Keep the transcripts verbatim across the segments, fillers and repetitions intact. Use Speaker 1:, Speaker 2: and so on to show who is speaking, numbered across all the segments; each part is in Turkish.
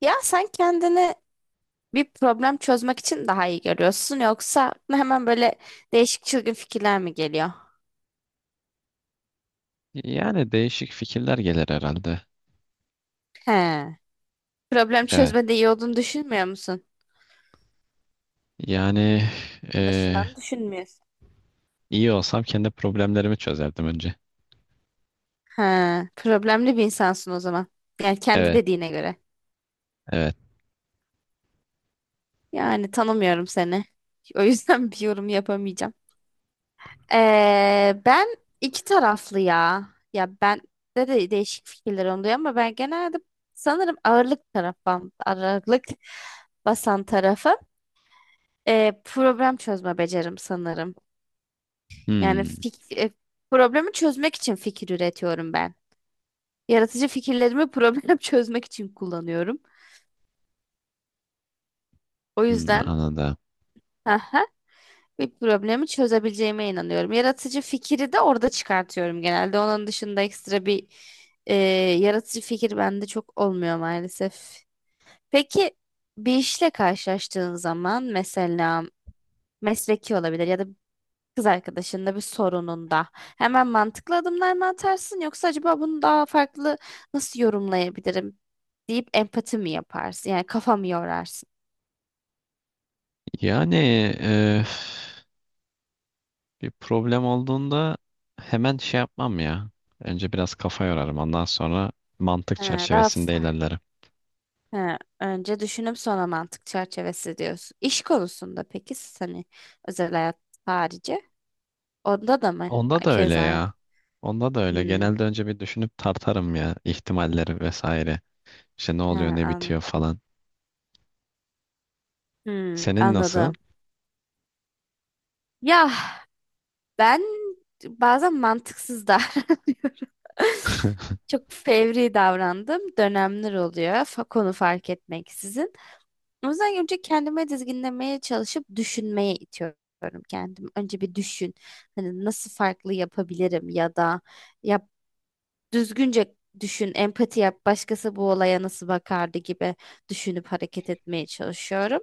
Speaker 1: Ya sen kendini bir problem çözmek için daha iyi görüyorsun yoksa aklına hemen böyle değişik çılgın fikirler mi geliyor?
Speaker 2: Yani değişik fikirler gelir herhalde.
Speaker 1: He. Problem
Speaker 2: Evet.
Speaker 1: çözmede iyi olduğunu düşünmüyor musun?
Speaker 2: Yani eee,
Speaker 1: Anlaşılan düşünmüyorsun.
Speaker 2: iyi olsam kendi problemlerimi çözerdim önce.
Speaker 1: He. Problemli bir insansın o zaman. Yani kendi
Speaker 2: Evet,
Speaker 1: dediğine göre.
Speaker 2: evet.
Speaker 1: Yani tanımıyorum seni. O yüzden bir yorum yapamayacağım. Ee, ben iki taraflı ya. Ya ben de, de değişik fikirler oluyor ama ben genelde sanırım ağırlık tarafım, ağırlık basan tarafı. Ee, problem çözme becerim sanırım. Yani
Speaker 2: Hmm,
Speaker 1: fik e, problemi çözmek için fikir üretiyorum ben. Yaratıcı fikirlerimi problem çözmek için kullanıyorum. O
Speaker 2: hmm,
Speaker 1: yüzden
Speaker 2: anladım.
Speaker 1: bir problemi çözebileceğime inanıyorum. Yaratıcı fikri de orada çıkartıyorum genelde. Onun dışında ekstra bir e, yaratıcı fikir bende çok olmuyor maalesef. Peki bir işle karşılaştığın zaman mesela mesleki olabilir ya da kız arkadaşında bir sorununda hemen mantıklı adımlar mı atarsın yoksa acaba bunu daha farklı nasıl yorumlayabilirim deyip empati mi yaparsın? Yani kafa mı yorarsın?
Speaker 2: Yani eee, bir problem olduğunda hemen şey yapmam ya. Önce biraz kafa yorarım. Ondan sonra mantık
Speaker 1: Ha, daha
Speaker 2: çerçevesinde
Speaker 1: farklı.
Speaker 2: ilerlerim.
Speaker 1: He, önce düşünüp sonra mantık çerçevesi diyorsun. İş konusunda peki siz hani özel hayat harici onda da mı
Speaker 2: Onda da öyle
Speaker 1: keza aynı?
Speaker 2: ya. Onda da öyle.
Speaker 1: Hmm,
Speaker 2: Genelde önce bir düşünüp tartarım ya ihtimalleri vesaire. İşte ne
Speaker 1: he,
Speaker 2: oluyor, ne
Speaker 1: anla-
Speaker 2: bitiyor falan.
Speaker 1: Hmm,
Speaker 2: Senin nasıl?
Speaker 1: anladım. Ya ben bazen mantıksız davranıyorum. Çok fevri davrandım. Dönemler oluyor. fa- Konu fark etmeksizin. O yüzden önce kendime dizginlemeye çalışıp düşünmeye itiyorum kendimi. Önce bir düşün. Hani nasıl farklı yapabilirim ya da yap düzgünce düşün, empati yap. Başkası bu olaya nasıl bakardı gibi düşünüp hareket etmeye çalışıyorum.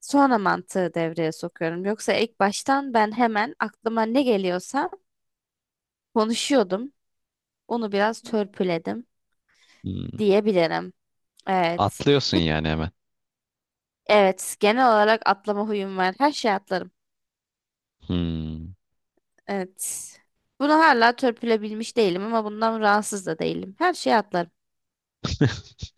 Speaker 1: Sonra mantığı devreye sokuyorum. Yoksa ilk baştan ben hemen aklıma ne geliyorsa konuşuyordum. Onu biraz törpüledim
Speaker 2: Hmm.
Speaker 1: diyebilirim. Evet.
Speaker 2: Atlıyorsun
Speaker 1: Ve-
Speaker 2: yani hemen.
Speaker 1: Evet, genel olarak atlama huyum var. Her şey atlarım.
Speaker 2: Hmm.
Speaker 1: Evet. Bunu hala törpülebilmiş değilim ama bundan rahatsız da değilim. Her şeyi atlarım.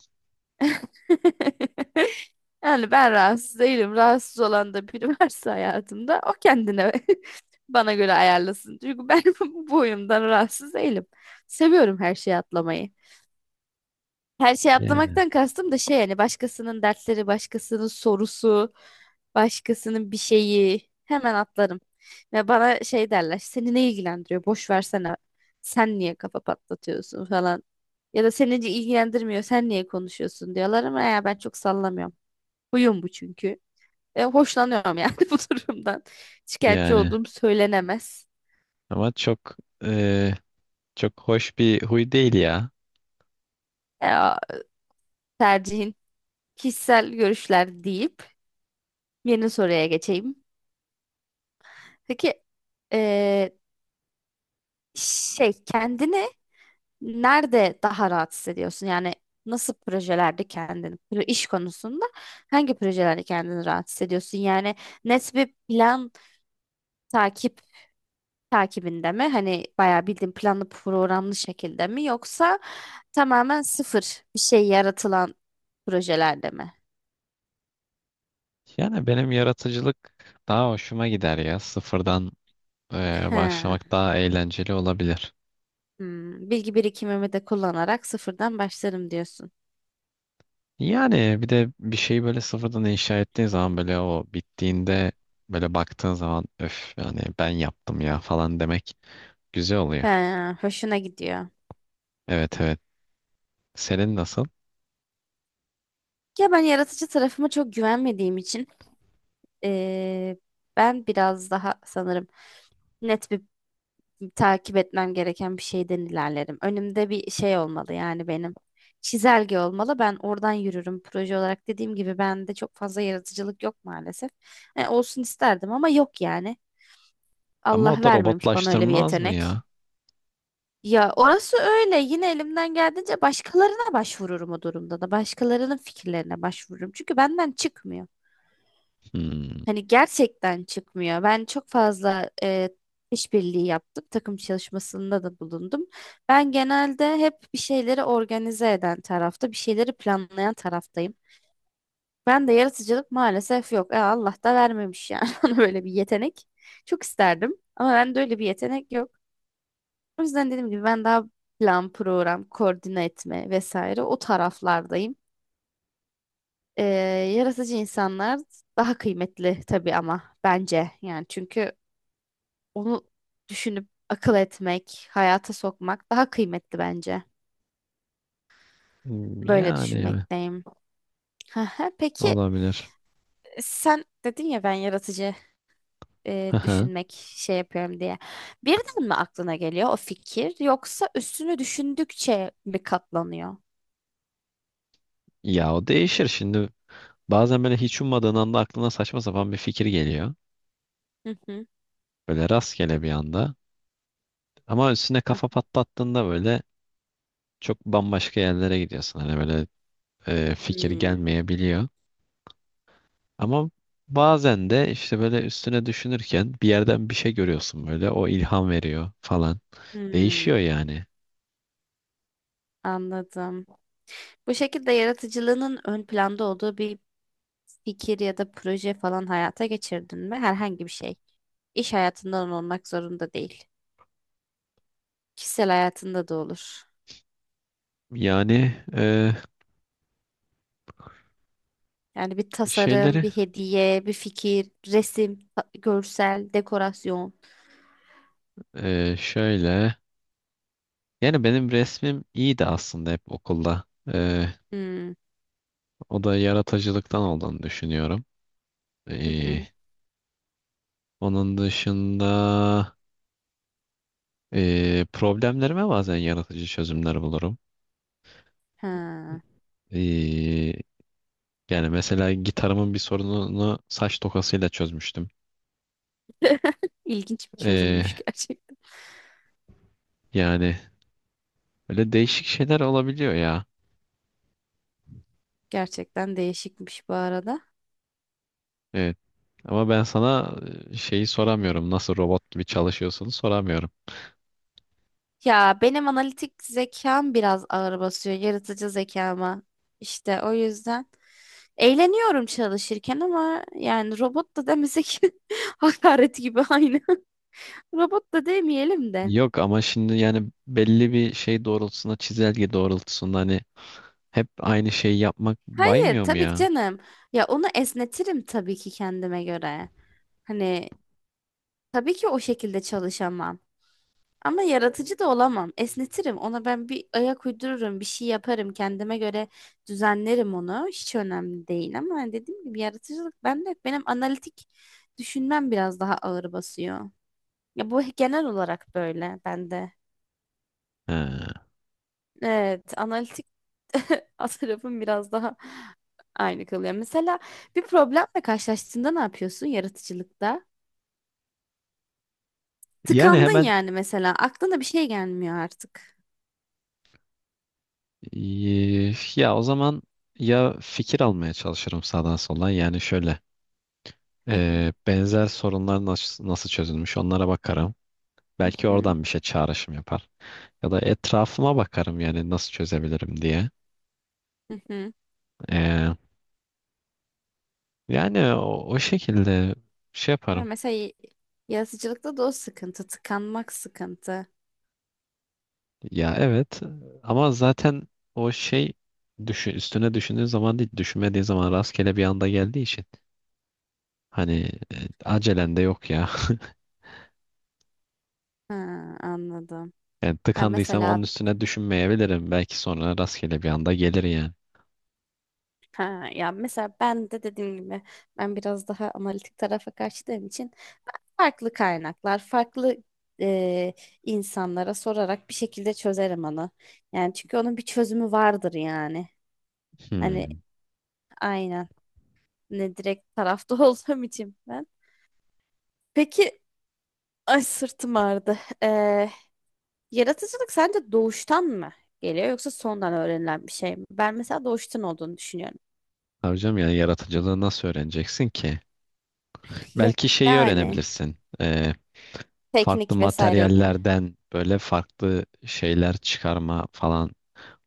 Speaker 1: Yani ben rahatsız değilim. Rahatsız olan da biri varsa hayatımda o kendine bana göre ayarlasın. Çünkü ben bu boyumdan rahatsız değilim. Seviyorum her şeyi atlamayı. Her şeyi
Speaker 2: Yani.
Speaker 1: atlamaktan kastım da şey yani başkasının dertleri, başkasının sorusu, başkasının bir şeyi hemen atlarım. Ve bana şey derler seni ne ilgilendiriyor boş versene sen niye kafa patlatıyorsun falan. Ya da seni ilgilendirmiyor sen niye konuşuyorsun diyorlar ama ya ben çok sallamıyorum. Huyum bu çünkü. E, hoşlanıyorum yani bu durumdan. Şikayetçi
Speaker 2: Yani.
Speaker 1: olduğum söylenemez.
Speaker 2: Ama çok e, çok hoş bir huy değil ya.
Speaker 1: E, Tercihin kişisel görüşler deyip yeni soruya geçeyim. Peki e, şey kendini nerede daha rahat hissediyorsun? Yani nasıl projelerde kendini, pro- iş konusunda hangi projelerde kendini rahat hissediyorsun? Yani net bir plan takip takibinde mi? Hani bayağı bildiğin planlı programlı şekilde mi yoksa tamamen sıfır bir şey yaratılan projelerde mi?
Speaker 2: Yani benim yaratıcılık daha hoşuma gider ya. Sıfırdan e,
Speaker 1: He.
Speaker 2: başlamak daha eğlenceli olabilir.
Speaker 1: Hmm, bilgi birikimimi de kullanarak sıfırdan başlarım diyorsun.
Speaker 2: Yani bir de bir şeyi böyle sıfırdan inşa ettiğin zaman böyle o bittiğinde böyle baktığın zaman öf yani ben yaptım ya falan demek güzel
Speaker 1: He,
Speaker 2: oluyor.
Speaker 1: hoşuna gidiyor.
Speaker 2: Evet evet. Senin nasıl?
Speaker 1: Ya ben yaratıcı tarafıma çok güvenmediğim için eee, ben biraz daha sanırım net bir takip etmem gereken bir şeyden ilerlerim. Önümde bir şey olmalı yani benim. Çizelge olmalı. Ben oradan yürürüm. Proje olarak dediğim gibi bende çok fazla yaratıcılık yok maalesef. E, olsun isterdim ama yok yani.
Speaker 2: Ama
Speaker 1: Allah
Speaker 2: o da
Speaker 1: vermemiş bana öyle bir
Speaker 2: robotlaştırmaz mı
Speaker 1: yetenek.
Speaker 2: ya?
Speaker 1: Ya orası öyle. Yine elimden geldiğince başkalarına başvururum o durumda da. Başkalarının fikirlerine başvururum. Çünkü benden çıkmıyor.
Speaker 2: Hmm.
Speaker 1: Hani gerçekten çıkmıyor. Ben çok fazla e, işbirliği yaptım. Takım çalışmasında da bulundum. Ben genelde hep bir şeyleri organize eden tarafta, bir şeyleri planlayan taraftayım. Ben de yaratıcılık maalesef yok. E, Allah da vermemiş yani ona böyle bir yetenek. Çok isterdim ama bende öyle bir yetenek yok. O yüzden dediğim gibi ben daha plan, program, koordine etme vesaire o taraflardayım. E, Yaratıcı insanlar daha kıymetli tabii ama bence yani çünkü onu düşünüp akıl etmek, hayata sokmak daha kıymetli bence.
Speaker 2: Hmm,
Speaker 1: Böyle
Speaker 2: yani evet.
Speaker 1: düşünmekteyim. Aha, peki
Speaker 2: Olabilir.
Speaker 1: sen dedin ya ben yaratıcı e,
Speaker 2: Hıhı.
Speaker 1: düşünmek şey yapıyorum diye. Birden mi aklına geliyor o fikir yoksa üstünü düşündükçe mi katlanıyor?
Speaker 2: Ya o değişir şimdi. Bazen böyle hiç ummadığın anda aklına saçma sapan bir fikir geliyor.
Speaker 1: Hı hı.
Speaker 2: Böyle rastgele bir anda. Ama üstüne
Speaker 1: Ah,
Speaker 2: kafa patlattığında böyle çok bambaşka yerlere gidiyorsun. Hani böyle e, fikir
Speaker 1: hmm,
Speaker 2: gelmeyebiliyor. Ama bazen de işte böyle üstüne düşünürken bir yerden bir şey görüyorsun böyle. O ilham veriyor falan.
Speaker 1: hmm,
Speaker 2: Değişiyor yani.
Speaker 1: anladım. Bu şekilde yaratıcılığının ön planda olduğu bir fikir ya da proje falan hayata geçirdin mi? Herhangi bir şey. İş hayatından olmak zorunda değil. Kişisel hayatında da olur.
Speaker 2: Yani e,
Speaker 1: Yani bir tasarım,
Speaker 2: şeyleri
Speaker 1: bir hediye, bir fikir, resim, ta- görsel, dekorasyon.
Speaker 2: e, şöyle. Yani benim resmim iyiydi aslında hep okulda. E,
Speaker 1: Hmm.
Speaker 2: O da yaratıcılıktan olduğunu düşünüyorum.
Speaker 1: Hı
Speaker 2: Ee,
Speaker 1: hı.
Speaker 2: onun dışında ee, problemlerime bazen yaratıcı çözümler bulurum.
Speaker 1: Ha.
Speaker 2: Ee, yani mesela gitarımın bir sorununu saç tokasıyla çözmüştüm.
Speaker 1: İlginç bir
Speaker 2: Ee,
Speaker 1: çözümmüş gerçekten.
Speaker 2: yani öyle değişik şeyler olabiliyor ya.
Speaker 1: Gerçekten değişikmiş bu arada.
Speaker 2: Evet. Ama ben sana e, şeyi soramıyorum. Nasıl robot gibi çalışıyorsun soramıyorum.
Speaker 1: Ya benim analitik zekam biraz ağır basıyor yaratıcı zekama. İşte o yüzden eğleniyorum çalışırken ama yani robot da demesek hakaret gibi aynı. Robot da demeyelim de.
Speaker 2: Yok ama şimdi yani belli bir şey doğrultusunda çizelge doğrultusunda hani hep aynı şeyi yapmak
Speaker 1: Hayır
Speaker 2: baymıyor mu
Speaker 1: tabii ki
Speaker 2: ya?
Speaker 1: canım. Ya onu esnetirim tabii ki kendime göre. Hani tabii ki o şekilde çalışamam. Ama yaratıcı da olamam. Esnetirim. Ona ben bir ayak uydururum, bir şey yaparım. Kendime göre düzenlerim onu. Hiç önemli değil ama hani dediğim gibi yaratıcılık bende yok. Benim analitik düşünmem biraz daha ağır basıyor. Ya bu genel olarak böyle bende.
Speaker 2: He.
Speaker 1: Evet, analitik tarafım biraz daha aynı kalıyor. Mesela bir problemle karşılaştığında ne yapıyorsun yaratıcılıkta?
Speaker 2: Yani
Speaker 1: Tıkandın
Speaker 2: hemen
Speaker 1: yani mesela. Aklına bir şey gelmiyor artık.
Speaker 2: eee, ya o zaman ya fikir almaya çalışırım sağdan soldan. Yani şöyle
Speaker 1: Aha.
Speaker 2: eee, benzer sorunlar nasıl, nasıl çözülmüş onlara bakarım.
Speaker 1: Hı
Speaker 2: Belki
Speaker 1: hı.
Speaker 2: oradan bir şey çağrışım yapar. Ya da etrafıma bakarım yani nasıl çözebilirim diye.
Speaker 1: Hı hı.
Speaker 2: Eee, yani o, o şekilde şey
Speaker 1: Ya
Speaker 2: yaparım.
Speaker 1: mesela y- yaratıcılıkta da o sıkıntı. Tıkanmak sıkıntı.
Speaker 2: Ya evet ama zaten o şey düşü- üstüne düşündüğün zaman değil düşünmediğin zaman rastgele bir anda geldiği için hani e, acelen de yok ya.
Speaker 1: Ha, anladım.
Speaker 2: Yani
Speaker 1: Ya
Speaker 2: tıkandıysam onun
Speaker 1: mesela
Speaker 2: üstüne düşünmeyebilirim. Belki sonra rastgele bir anda gelir yani.
Speaker 1: ha, ya mesela ben de dediğim gibi ben biraz daha analitik tarafa kaçtığım için farklı kaynaklar, farklı e, insanlara sorarak bir şekilde çözerim onu. Yani çünkü onun bir çözümü vardır yani. Hani
Speaker 2: Hmm.
Speaker 1: aynen. Ne direkt tarafta olduğum için ben. Peki, ay sırtım ağrıdı. Ee, Yaratıcılık sence doğuştan mı geliyor yoksa sondan öğrenilen bir şey mi? Ben mesela doğuştan olduğunu düşünüyorum.
Speaker 2: Hocam yani yaratıcılığı nasıl öğreneceksin ki?
Speaker 1: Ya-
Speaker 2: Belki şeyi
Speaker 1: Yani
Speaker 2: öğrenebilirsin. Ee, farklı
Speaker 1: teknik vesaire gibi.
Speaker 2: materyallerden böyle farklı şeyler çıkarma falan.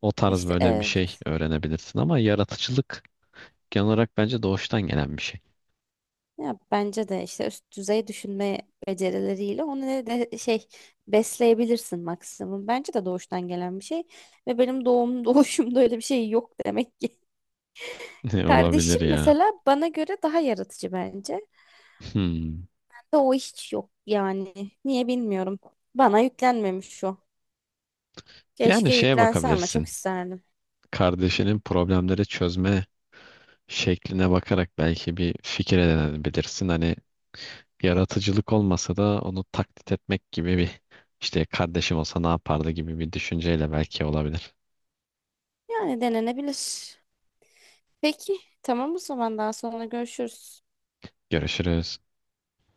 Speaker 2: O tarz
Speaker 1: İşte
Speaker 2: böyle bir
Speaker 1: evet.
Speaker 2: şey öğrenebilirsin ama yaratıcılık genel olarak bence doğuştan gelen bir şey.
Speaker 1: Ya bence de işte üst düzey düşünme becerileriyle onu ne de şey besleyebilirsin maksimum. Bence de doğuştan gelen bir şey ve benim doğum doğuşumda öyle bir şey yok demek ki.
Speaker 2: Olabilir
Speaker 1: Kardeşim
Speaker 2: ya.
Speaker 1: mesela bana göre daha yaratıcı bence.
Speaker 2: Hmm.
Speaker 1: Bende o hiç yok yani. Niye bilmiyorum. Bana yüklenmemiş o.
Speaker 2: Yani
Speaker 1: Keşke
Speaker 2: şeye
Speaker 1: yüklense ama çok
Speaker 2: bakabilirsin.
Speaker 1: isterdim.
Speaker 2: Kardeşinin problemleri çözme şekline bakarak belki bir fikir edinebilirsin. Hani yaratıcılık olmasa da onu taklit etmek gibi bir işte kardeşim olsa ne yapardı gibi bir düşünceyle belki olabilir.
Speaker 1: Yani denenebilir. Peki tamam o zaman daha sonra görüşürüz.
Speaker 2: Görüşürüz.